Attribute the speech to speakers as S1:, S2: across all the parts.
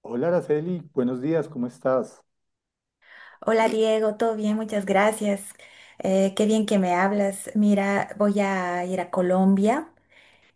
S1: Hola, Araceli, buenos días, ¿cómo estás?
S2: Hola Diego, todo bien, muchas gracias. Qué bien que me hablas. Mira, voy a ir a Colombia.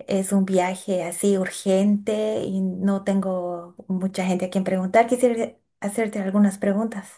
S2: Es un viaje así urgente y no tengo mucha gente a quien preguntar. Quisiera hacerte algunas preguntas.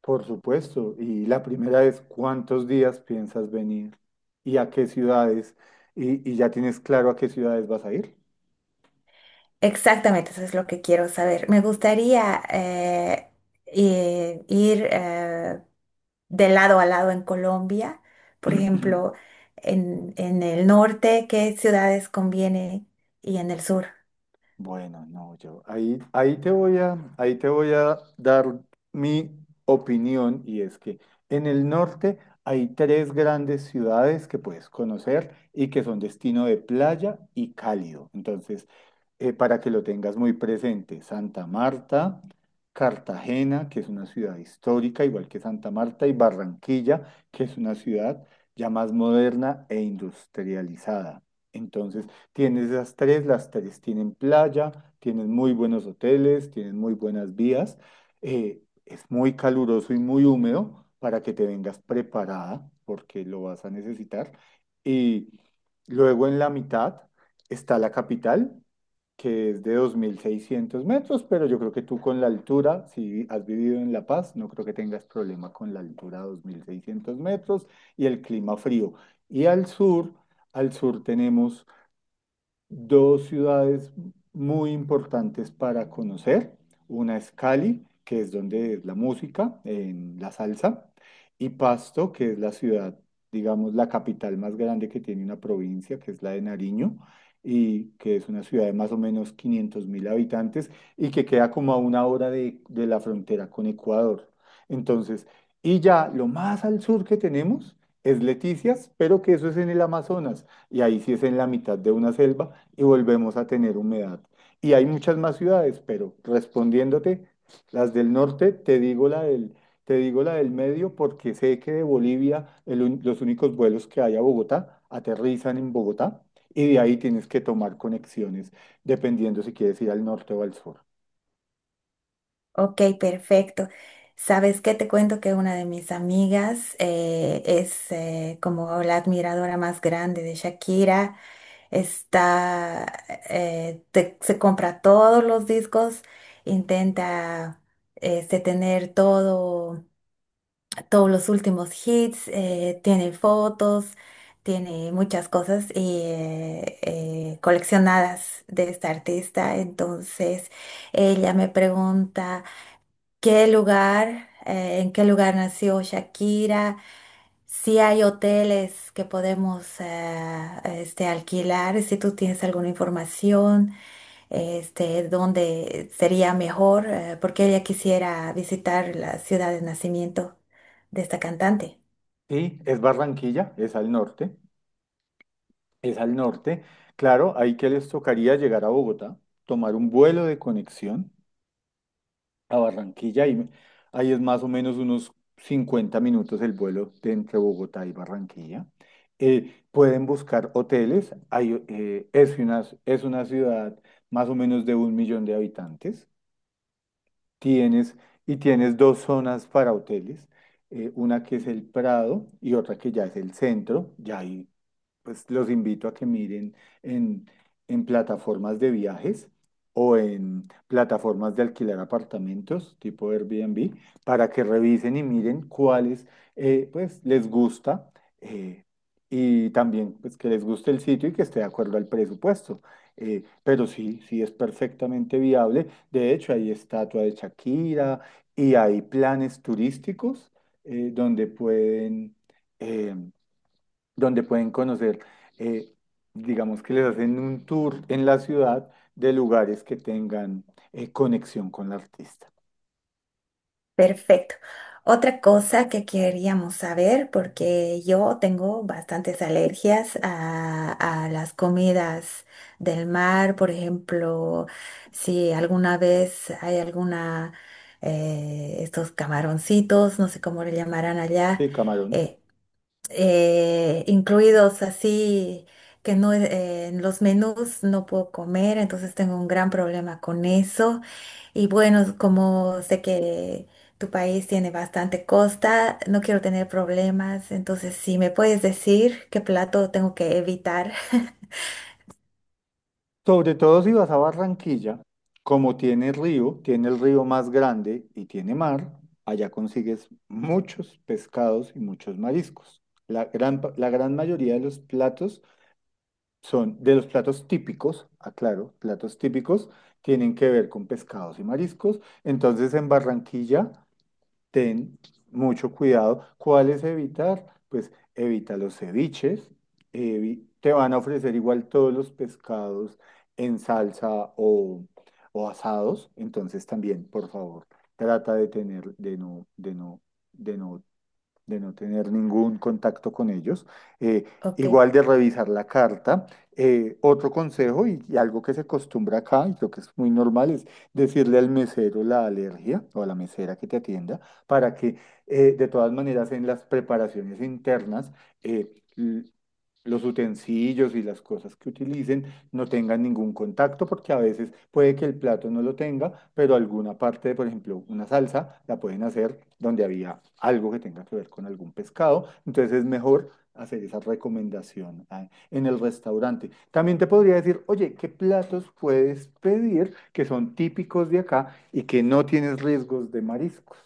S1: Por supuesto, y la primera es, ¿cuántos días piensas venir? ¿Y a qué ciudades? ¿Y ya tienes claro a qué ciudades vas a ir?
S2: Exactamente, eso es lo que quiero saber. Me gustaría ir de lado a lado en Colombia. Por ejemplo, en el norte, ¿qué ciudades conviene? Y en el sur.
S1: Bueno, no, yo ahí te voy a, ahí te voy a dar mi opinión y es que en el norte hay tres grandes ciudades que puedes conocer y que son destino de playa y cálido. Entonces, para que lo tengas muy presente. Santa Marta, Cartagena, que es una ciudad histórica, igual que Santa Marta, y Barranquilla, que es una ciudad ya más moderna e industrializada. Entonces, tienes esas tres, las tres tienen playa, tienen muy buenos hoteles, tienen muy buenas vías, es muy caluroso y muy húmedo para que te vengas preparada, porque lo vas a necesitar. Y luego en la mitad está la capital, que es de 2.600 metros, pero yo creo que tú con la altura, si has vivido en La Paz, no creo que tengas problema con la altura de 2.600 metros y el clima frío. Y al sur tenemos dos ciudades muy importantes para conocer. Una es Cali, que es donde es la música, en la salsa, y Pasto, que es la ciudad, digamos, la capital más grande que tiene una provincia, que es la de Nariño, y que es una ciudad de más o menos 500.000 habitantes y que queda como a una hora de la frontera con Ecuador. Entonces, y ya lo más al sur que tenemos es Leticias, pero que eso es en el Amazonas y ahí sí es en la mitad de una selva y volvemos a tener humedad. Y hay muchas más ciudades, pero respondiéndote, las del norte, te digo la del, te digo la del medio porque sé que de Bolivia los únicos vuelos que hay a Bogotá aterrizan en Bogotá y de ahí tienes que tomar conexiones dependiendo si quieres ir al norte o al sur.
S2: Ok, perfecto. Sabes qué te cuento que una de mis amigas es como la admiradora más grande de Shakira. Está, se compra todos los discos, intenta tener todo, todos los últimos hits, tiene fotos, tiene muchas cosas y coleccionadas de esta artista. Entonces, ella me pregunta. ¿En qué lugar nació Shakira? Si hay hoteles que podemos alquilar, si tú tienes alguna información, dónde sería mejor, porque ella quisiera visitar la ciudad de nacimiento de esta cantante.
S1: Sí, es Barranquilla, es al norte, es al norte. Claro, ahí que les tocaría llegar a Bogotá, tomar un vuelo de conexión a Barranquilla y ahí es más o menos unos 50 minutos el vuelo de entre Bogotá y Barranquilla. Pueden buscar hoteles. Hay, es una ciudad más o menos de 1.000.000 de habitantes. Tienes, y tienes dos zonas para hoteles. Una que es el Prado y otra que ya es el centro. Ya hay pues los invito a que miren en, en plataformas de viajes o en plataformas de alquilar apartamentos tipo Airbnb para que revisen y miren cuáles pues les gusta eh, y también pues que les guste el sitio y que esté de acuerdo al presupuesto. Pero sí, sí es perfectamente viable. De hecho, hay estatua de Shakira y hay planes turísticos donde pueden... em, donde pueden conocer, eh, digamos que les hacen un tour en la ciudad de lugares que tengan conexión con el artista.
S2: Perfecto. Otra cosa que queríamos saber, porque yo tengo bastantes alergias a las comidas del mar, por ejemplo, si alguna vez hay alguna, estos camaroncitos, no sé cómo le llamarán allá,
S1: El Camarón.
S2: eh, incluidos así, que no, en los menús no puedo comer, entonces tengo un gran problema con eso. Y bueno, como sé que tu país tiene bastante costa, no quiero tener problemas, entonces si me puedes decir qué plato tengo que evitar.
S1: Sobre todo si vas a Barranquilla, como tiene río, tiene el río más grande y tiene mar, allá consigues muchos pescados y muchos mariscos. La gran mayoría de los platos son, de los platos típicos, aclaro, platos típicos, tienen que ver con pescados y mariscos. Entonces en Barranquilla ten mucho cuidado. ¿Cuáles evitar? Pues evita los ceviches. Te van a ofrecer igual todos los pescados en salsa o, o asados. Entonces también, por favor, trata de tener, de no, de no, de no de no tener ningún contacto con ellos. Eh,
S2: Ok,
S1: Igual de revisar la carta. Otro consejo y algo que se acostumbra acá y creo que es muy normal es decirle al mesero la alergia o a la mesera que te atienda para que de todas maneras en las preparaciones internas eh, l- los utensilios y las cosas que utilicen no tengan ningún contacto, porque a veces puede que el plato no lo tenga, pero alguna parte, por ejemplo, una salsa, la pueden hacer donde había algo que tenga que ver con algún pescado. Entonces es mejor hacer esa recomendación en el restaurante. También te podría decir, oye, ¿qué platos puedes pedir que son típicos de acá y que no tienes riesgos de mariscos?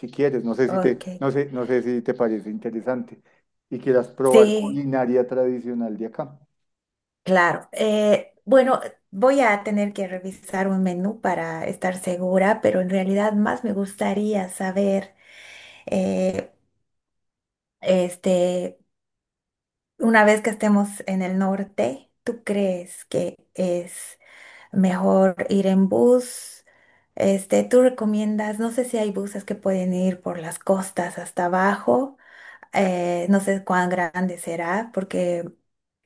S1: Si quieres, no sé si te,
S2: ok.
S1: no sé, no sé si te parece interesante y quieras probar
S2: Sí,
S1: culinaria tradicional de acá.
S2: claro. Bueno, voy a tener que revisar un menú para estar segura, pero en realidad más me gustaría saber, eh, este, una vez que estemos en el norte, ¿tú crees que es mejor ir en bus? Este, tú recomiendas, no sé si hay buses que pueden ir por las costas hasta abajo. No sé cuán grande será, porque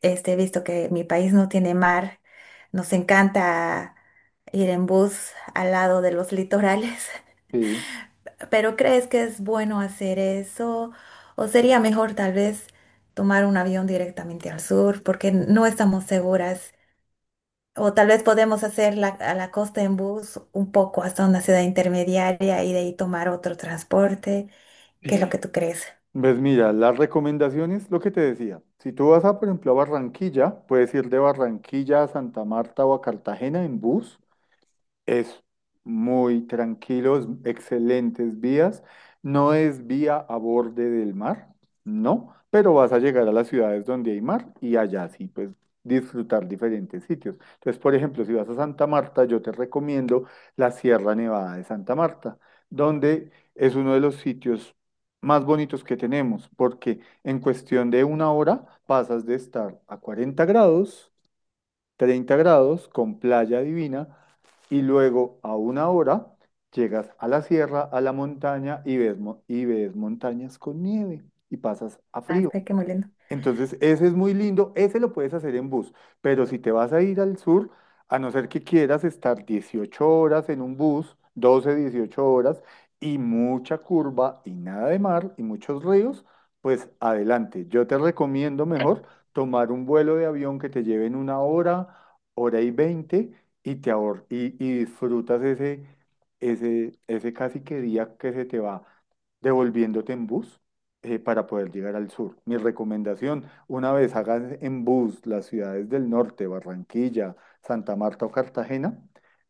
S2: he visto que mi país no tiene mar. Nos encanta ir en bus al lado de los litorales.
S1: Sí.
S2: Pero ¿crees que es bueno hacer eso? ¿O sería mejor tal vez tomar un avión directamente al sur? Porque no estamos seguras, o tal vez podemos hacer a la costa en bus un poco hasta una ciudad intermediaria y de ahí tomar otro transporte. ¿Qué es lo
S1: Sí.
S2: que tú crees?
S1: Pues mira, las recomendaciones, lo que te decía, si tú vas a, por ejemplo, a Barranquilla, puedes ir de Barranquilla a Santa Marta o a Cartagena en bus. Es muy tranquilo, es excelentes vías. No es vía a borde del mar, no, pero vas a llegar a las ciudades donde hay mar y allá sí, pues disfrutar diferentes sitios. Entonces, por ejemplo, si vas a Santa Marta, yo te recomiendo la Sierra Nevada de Santa Marta, donde es uno de los sitios más bonitos que tenemos, porque en cuestión de una hora pasas de estar a 40 grados, 30 grados, con playa divina y luego a una hora llegas a la sierra, a la montaña y ves, y ves montañas con nieve y pasas a
S2: Ah,
S1: frío.
S2: está que muy lindo.
S1: Entonces, ese es muy lindo, ese lo puedes hacer en bus, pero si te vas a ir al sur, a no ser que quieras estar 18 horas en un bus, 12, 18 horas, y mucha curva y nada de mar y muchos ríos, pues adelante. Yo te recomiendo mejor tomar un vuelo de avión que te lleven una hora, hora y 20, y y disfrutas ese, ese, ese casi que día que se te va devolviéndote en bus para poder llegar al sur. Mi recomendación, una vez hagan en bus las ciudades del norte, Barranquilla, Santa Marta o Cartagena,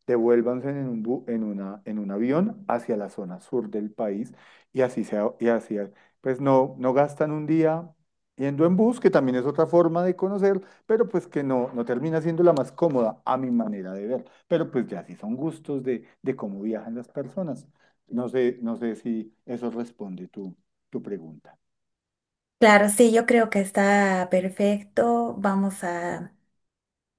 S1: devuélvanse en un, en una, en un avión hacia la zona sur del país y así sea, y así, pues no, no gastan un día yendo en bus, que también es otra forma de conocer, pero pues que no, no termina siendo la más cómoda a mi manera de ver. Pero pues ya sí son gustos de cómo viajan las personas. No sé, no sé si eso responde tú tu pregunta.
S2: Claro, sí, yo creo que está perfecto.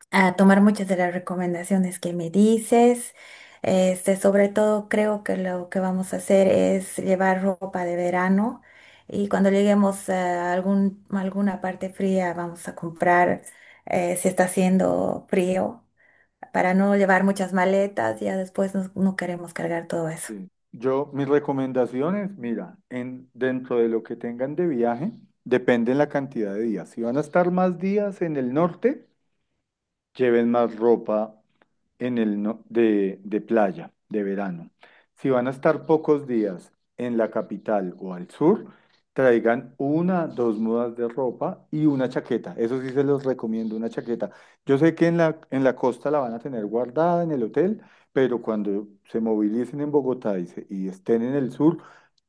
S2: A tomar muchas de las recomendaciones que me dices. Este, sobre todo creo que lo que vamos a hacer es llevar ropa de verano y cuando lleguemos a alguna parte fría vamos a comprar si está haciendo frío, para no llevar muchas maletas, ya después no queremos cargar todo eso.
S1: Sí. Yo, mis recomendaciones, mira, en, dentro de lo que tengan de viaje, depende la cantidad de días. Si van a estar más días en el norte, lleven más ropa en el de playa, de verano. Si van a estar pocos días en la capital o al sur, traigan una, dos mudas de ropa y una chaqueta. Eso sí se los recomiendo, una chaqueta. Yo sé que en la costa la van a tener guardada en el hotel, pero cuando se movilicen en Bogotá y estén en el sur,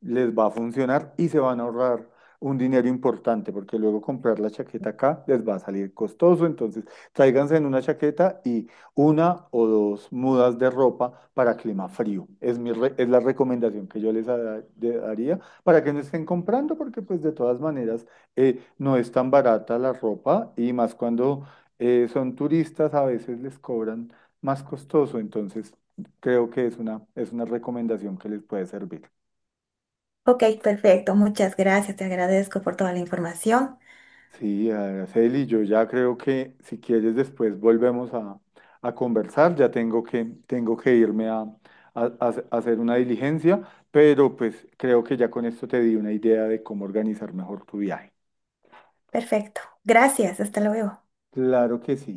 S1: les va a funcionar y se van a ahorrar un dinero importante, porque luego comprar la chaqueta acá les va a salir costoso. Entonces, tráiganse en una chaqueta y una o dos mudas de ropa para clima frío. Es mi es la recomendación que yo daría para que no estén comprando, porque pues de todas maneras no es tan barata la ropa y más cuando son turistas a veces les cobran más costoso, entonces creo que es una recomendación que les puede servir.
S2: Ok, perfecto, muchas gracias, te agradezco por toda la información.
S1: Sí, Araceli, yo ya creo que si quieres después volvemos a conversar, ya tengo que irme a, a hacer una diligencia, pero pues creo que ya con esto te di una idea de cómo organizar mejor tu viaje.
S2: Perfecto, gracias, hasta luego.
S1: Claro que sí.